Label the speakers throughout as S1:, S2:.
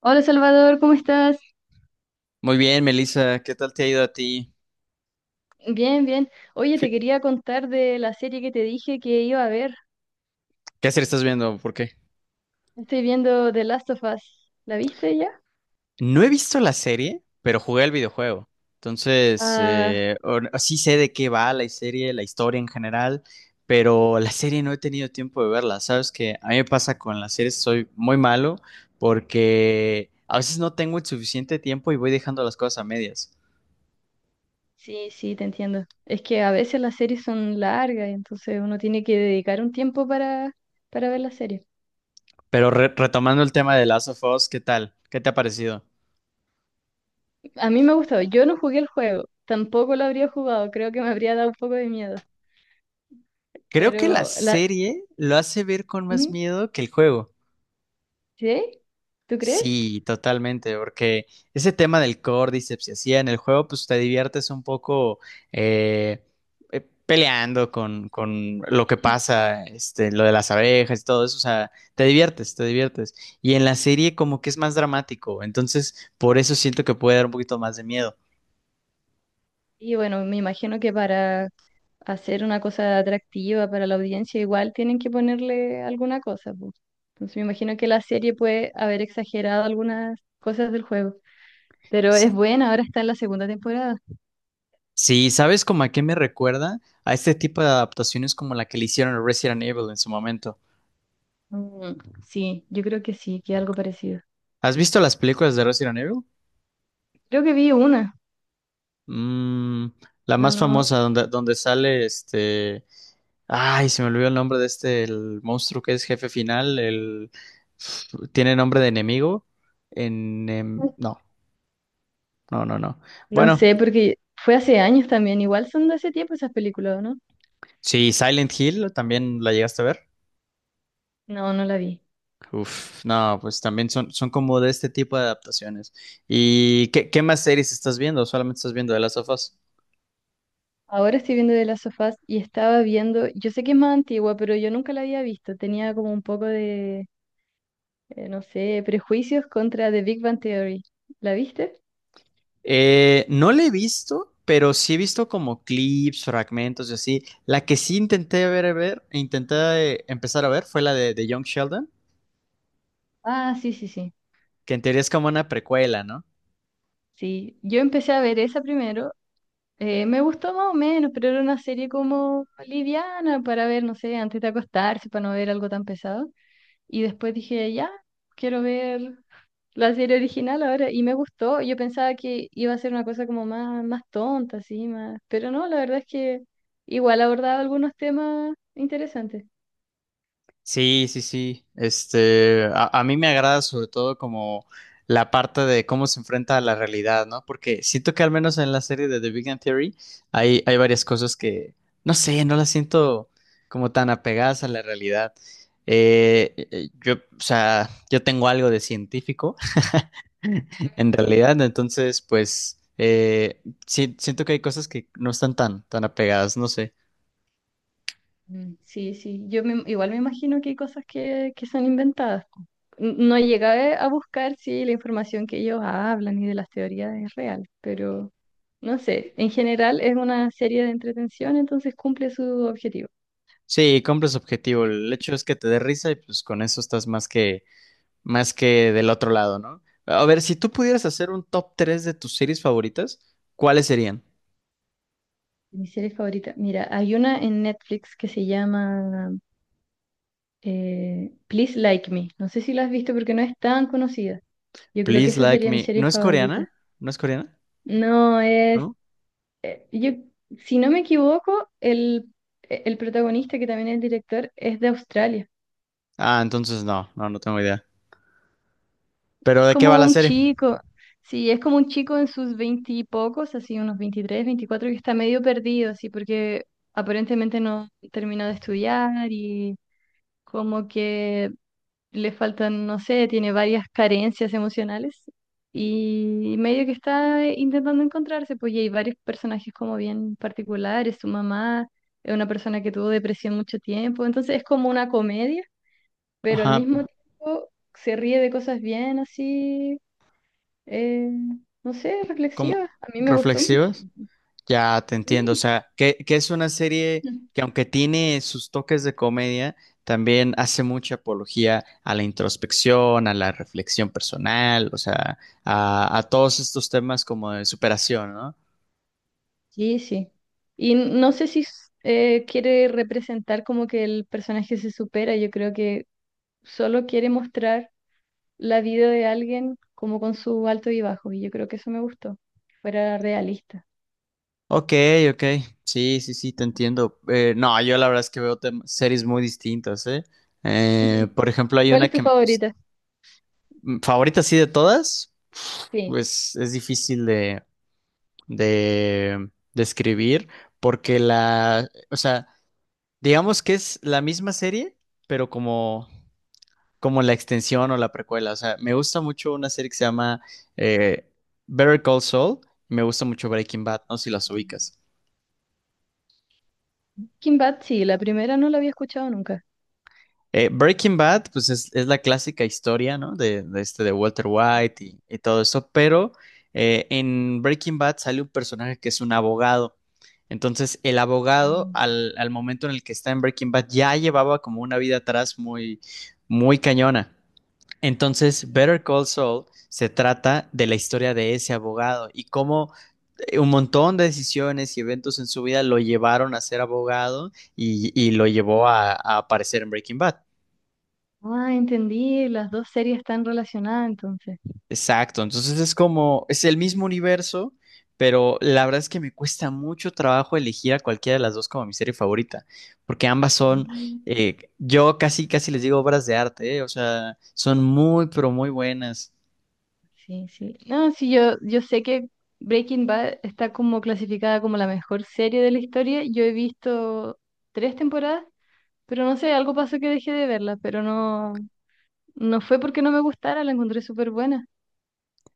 S1: Hola Salvador, ¿cómo estás?
S2: Muy bien, Melissa, ¿qué tal te ha ido a ti?
S1: Bien, bien. Oye, te
S2: Fi-
S1: quería contar de la serie que te dije que iba a ver.
S2: ¿Qué serie estás viendo? ¿Por qué?
S1: Estoy viendo The Last of Us. ¿La viste ya?
S2: No he visto la serie, pero jugué el videojuego. Entonces,
S1: Ah,
S2: sí sé de qué va la serie, la historia en general, pero la serie no he tenido tiempo de verla. Sabes que a mí me pasa con las series, soy muy malo porque a veces no tengo el suficiente tiempo y voy dejando las cosas a medias.
S1: sí, sí, te entiendo. Es que a veces las series son largas y entonces uno tiene que dedicar un tiempo para ver la serie.
S2: Pero retomando el tema de Last of Us, ¿qué tal? ¿Qué te ha parecido?
S1: A mí me ha gustado. Yo no jugué el juego, tampoco lo habría jugado. Creo que me habría dado un poco de miedo.
S2: Creo que la
S1: Pero la.
S2: serie lo hace ver con más
S1: ¿Mm?
S2: miedo que el juego.
S1: ¿Sí? ¿Tú crees?
S2: Sí, totalmente, porque ese tema del Cordyceps y así en el juego, pues te diviertes un poco eh, peleando con lo que pasa, este, lo de las abejas y todo eso, o sea, te diviertes, te diviertes. Y en la serie como que es más dramático, entonces por eso siento que puede dar un poquito más de miedo.
S1: Y bueno, me imagino que para hacer una cosa atractiva para la audiencia, igual tienen que ponerle alguna cosa, po. Entonces me imagino que la serie puede haber exagerado algunas cosas del juego, pero
S2: S-
S1: es buena, ahora está en la segunda temporada.
S2: Sí, ¿sabes como a qué me recuerda? A este tipo de adaptaciones como la que le hicieron a Resident Evil en su momento.
S1: Mm, sí, yo creo que sí, que algo parecido.
S2: ¿Has visto las películas de Resident Evil?
S1: Creo que vi una,
S2: Mm, la
S1: pero
S2: más
S1: no,
S2: famosa, donde sale este. Ay, se me olvidó el nombre de este, el monstruo que es jefe final. El. Tiene nombre de enemigo. En. No, no, no, no.
S1: no
S2: Bueno,
S1: sé, porque fue hace años también, igual son de hace tiempo esas películas, ¿o no?
S2: sí, Silent Hill también la llegaste a ver.
S1: No, no la vi.
S2: Uf, no, pues también son, son como de este tipo de adaptaciones. ¿Y qué, qué más series estás viendo? ¿O solamente estás viendo The Last of Us?
S1: Ahora estoy viendo de las sofás y estaba viendo, yo sé que es más antigua, pero yo nunca la había visto, tenía como un poco de no sé, prejuicios contra The Big Bang Theory. ¿La viste?
S2: No la he visto, pero sí he visto como clips, fragmentos y así. La que sí intenté intenté empezar a ver fue la de Young Sheldon,
S1: Ah, sí, sí, sí.
S2: que en teoría es como una precuela, ¿no?
S1: Sí, yo empecé a ver esa primero. Me gustó más o menos, pero era una serie como liviana para ver, no sé, antes de acostarse, para no ver algo tan pesado. Y después dije, ya, quiero ver la serie original ahora. Y me gustó. Yo pensaba que iba a ser una cosa como más, más tonta, así, más. Pero no, la verdad es que igual abordaba algunos temas interesantes.
S2: Sí, sí, sí. Este, a mí me agrada sobre todo como la parte de cómo se enfrenta a la realidad, ¿no? Porque siento que al menos en la serie de The Big Bang Theory hay varias cosas que, no sé, no las siento como tan apegadas a la realidad. Yo, o sea, yo tengo algo de científico, en realidad, entonces, pues, siento que hay cosas que no están tan apegadas, no sé.
S1: Mm, sí, sí, igual me imagino que hay cosas que son inventadas. No llegué a buscar si la información que ellos hablan y de las teorías es real, pero no sé, en general es una serie de entretención, entonces cumple su objetivo.
S2: Sí, compras objetivo. El hecho es que te dé risa y pues con eso estás más que del otro lado, ¿no? A ver, si tú pudieras hacer un top 3 de tus series favoritas, ¿cuáles serían?
S1: Mi serie favorita, mira, hay una en Netflix que se llama Please Like Me. No sé si la has visto porque no es tan conocida. Yo creo que
S2: Please
S1: esa
S2: Like
S1: sería mi
S2: Me. ¿No
S1: serie
S2: es
S1: favorita.
S2: coreana? ¿No es coreana?
S1: No, es
S2: ¿No?
S1: yo, si no me equivoco, el protagonista, que también es el director, es de Australia.
S2: Ah, entonces no, no, no tengo idea. ¿Pero
S1: Es
S2: de qué va
S1: como
S2: la
S1: un
S2: serie?
S1: chico, sí, es como un chico en sus veintipocos, así unos 23 24 que está medio perdido, así, porque aparentemente no terminó de estudiar y como que le faltan, no sé, tiene varias carencias emocionales y medio que está intentando encontrarse, pues y hay varios personajes como bien particulares, su mamá es una persona que tuvo depresión mucho tiempo, entonces es como una comedia, pero al
S2: Ajá,
S1: mismo tiempo se ríe de cosas bien así, eh, no sé,
S2: como
S1: reflexivas, a mí me gustó mucho.
S2: ¿reflexivas? Ya te entiendo, o
S1: Sí,
S2: sea, que es una serie que aunque tiene sus toques de comedia, también hace mucha apología a la introspección, a la reflexión personal, o sea, a todos estos temas como de superación, ¿no?
S1: sí. Sí. Y no sé si quiere representar como que el personaje se supera, yo creo que solo quiere mostrar la vida de alguien como con su alto y bajo, y yo creo que eso me gustó, que fuera realista.
S2: Ok, ok, sí, sí, sí, te entiendo. No, yo la verdad es que veo series muy distintas, ¿eh?
S1: Ujú.
S2: Por ejemplo, hay
S1: ¿Cuál
S2: una
S1: es tu
S2: que me gusta,
S1: favorita?
S2: favorita así de todas,
S1: Sí.
S2: pues es difícil de escribir, porque la, o sea, digamos que es la misma serie, pero como la extensión o la precuela. O sea, me gusta mucho una serie que se llama eh, Better Call Saul, me gusta mucho Breaking Bad, no sé si las ubicas.
S1: Kim Bat, sí, la primera no la había escuchado nunca.
S2: Breaking Bad, pues es la clásica historia, ¿no? De este de Walter
S1: Sí.
S2: White y todo eso, pero en Breaking Bad sale un personaje que es un abogado. Entonces, el abogado,
S1: Mm,
S2: al momento en el que está en Breaking Bad, ya llevaba como una vida atrás muy, muy cañona. Entonces,
S1: sí.
S2: Better Call Saul se trata de la historia de ese abogado y cómo un montón de decisiones y eventos en su vida lo llevaron a ser abogado y lo llevó a aparecer en Breaking Bad.
S1: Ah, entendí, las dos series están relacionadas entonces.
S2: Exacto, entonces es como, es el mismo universo, pero la verdad es que me cuesta mucho trabajo elegir a cualquiera de las dos como mi serie favorita, porque ambas son,
S1: Mm.
S2: yo casi, casi les digo obras de arte, o sea, son muy, pero muy buenas.
S1: Sí, sí. No, sí, yo sé que Breaking Bad está como clasificada como la mejor serie de la historia. Yo he visto tres temporadas, pero no sé, algo pasó que dejé de verla, pero no. No fue porque no me gustara, la encontré súper buena.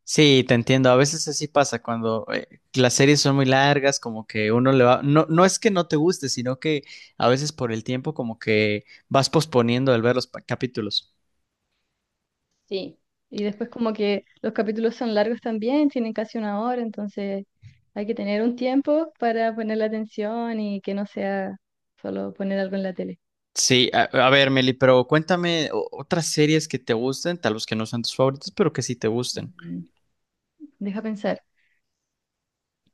S2: Sí, te entiendo, a veces así pasa cuando las series son muy largas, como que uno le va, no, no es que no te guste, sino que a veces por el tiempo como que vas posponiendo el ver los capítulos.
S1: Sí, y después como que los capítulos son largos también, tienen casi una hora, entonces hay que tener un tiempo para poner la atención y que no sea solo poner algo en la tele.
S2: Sí, a ver, Meli, pero cuéntame otras series que te gusten, tal vez que no sean tus favoritas, pero que sí te gusten.
S1: Mm. Deja pensar.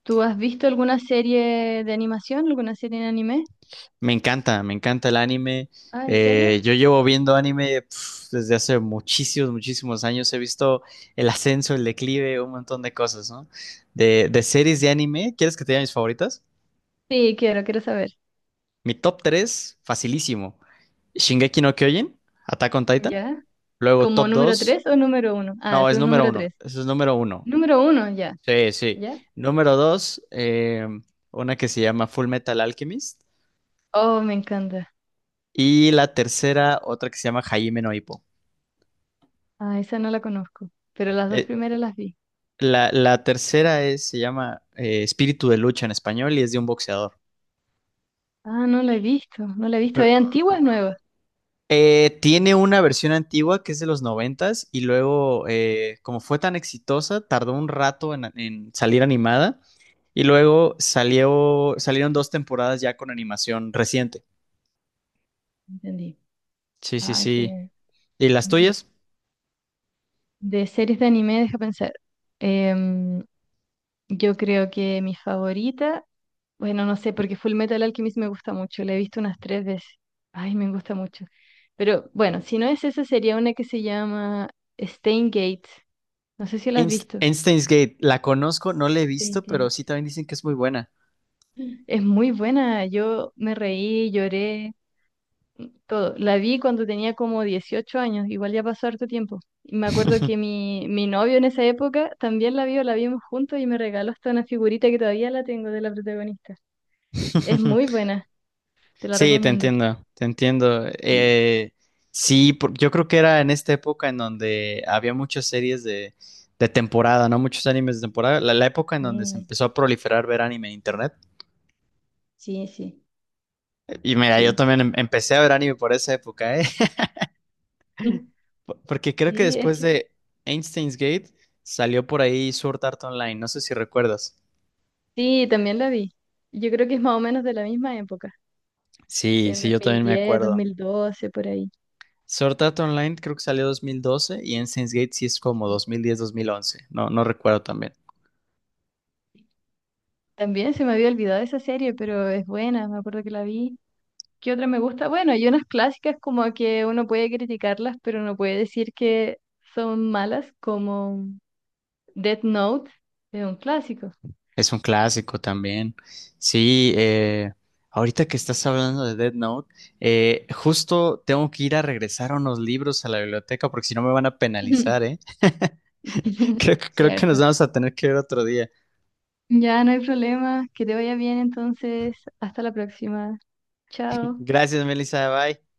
S1: ¿Tú has visto alguna serie de animación, alguna serie en anime?
S2: Me encanta el anime.
S1: Ah, ¿en serio?
S2: Yo llevo viendo anime pf, desde hace muchísimos, muchísimos años. He visto el ascenso, el declive, un montón de cosas, ¿no? De series de anime, ¿quieres que te diga mis favoritas?
S1: Sí, quiero saber.
S2: Mi top 3, facilísimo. Shingeki no Kyojin, Attack on Titan.
S1: ¿Ya?
S2: Luego
S1: ¿Como
S2: top
S1: número
S2: 2,
S1: 3 o número uno? Ah,
S2: no, es
S1: ¿tú
S2: número
S1: número
S2: uno.
S1: tres?
S2: Eso es número uno.
S1: Número uno, ya.
S2: Sí, sí.
S1: ¿Ya?
S2: Número dos, una que se llama Full Metal Alchemist.
S1: Oh, me encanta.
S2: Y la tercera, otra que se llama Hajime no Ippo.
S1: Ah, esa no la conozco, pero las dos
S2: Eh,
S1: primeras las vi.
S2: la tercera se llama Espíritu de Lucha en español y es de un boxeador.
S1: Ah, no la he visto, no la he visto.
S2: Pero,
S1: ¿Es antigua o es nueva?
S2: tiene una versión antigua que es de los noventas y luego, como fue tan exitosa, tardó un rato en salir animada y luego salieron dos temporadas ya con animación reciente.
S1: Entendí.
S2: Sí, sí,
S1: Ah,
S2: sí.
S1: que.
S2: ¿Y las
S1: Ujú.
S2: tuyas?
S1: De series de anime, deja pensar. Em, yo creo que mi favorita, bueno, no sé, porque Full Metal Alchemist me gusta mucho, la he visto unas tres veces. Ay, me gusta mucho. Pero bueno, si no es esa, sería una que se llama Steins Gate. No sé si la has visto.
S2: Einstein's Gate, la conozco, no la he
S1: Steins
S2: visto, pero
S1: Gate.
S2: sí también dicen que es muy buena.
S1: Es muy buena, yo me reí, lloré, todo. La vi cuando tenía como 18 años, igual ya pasó harto tiempo. Y me acuerdo que mi novio en esa época también la vio, la vimos juntos y me regaló hasta una figurita que todavía la tengo de la protagonista. Es muy buena, te la
S2: Sí, te
S1: recomiendo.
S2: entiendo, te entiendo.
S1: Sí,
S2: Sí, yo creo que era en esta época en donde había muchas series de temporada, ¿no? Muchos animes de temporada. La época en donde se
S1: sí,
S2: empezó a proliferar ver anime en internet.
S1: sí, sí.
S2: Y mira, yo también empecé a ver anime por esa época, ¿eh?
S1: Sí,
S2: Porque creo que
S1: sí, es
S2: después
S1: que
S2: de Einstein's Gate salió por ahí Sword Art Online, no sé si recuerdas.
S1: sí, también la vi. Yo creo que es más o menos de la misma época, así
S2: Sí,
S1: en
S2: sí, yo también me
S1: 2010,
S2: acuerdo.
S1: 2012, por ahí.
S2: Sword Art Online creo que salió 2012 y Ensigns Gate sí es como
S1: Sí.
S2: 2010-2011. No, no recuerdo también.
S1: También se me había olvidado esa serie, pero es buena, me acuerdo que la vi. ¿Qué otra me gusta? Bueno, hay unas clásicas como que uno puede criticarlas, pero no puede decir que son malas, como Death Note, es un clásico.
S2: Es un clásico también. Sí, ahorita que estás hablando de Dead Note, justo tengo que ir a regresar unos libros a la biblioteca porque si no me van a penalizar, ¿eh? Creo que nos
S1: Cierto.
S2: vamos a tener que ver otro día.
S1: Ya no hay problema. Que te vaya bien entonces. Hasta la próxima. Chao.
S2: Gracias, Melissa. Bye.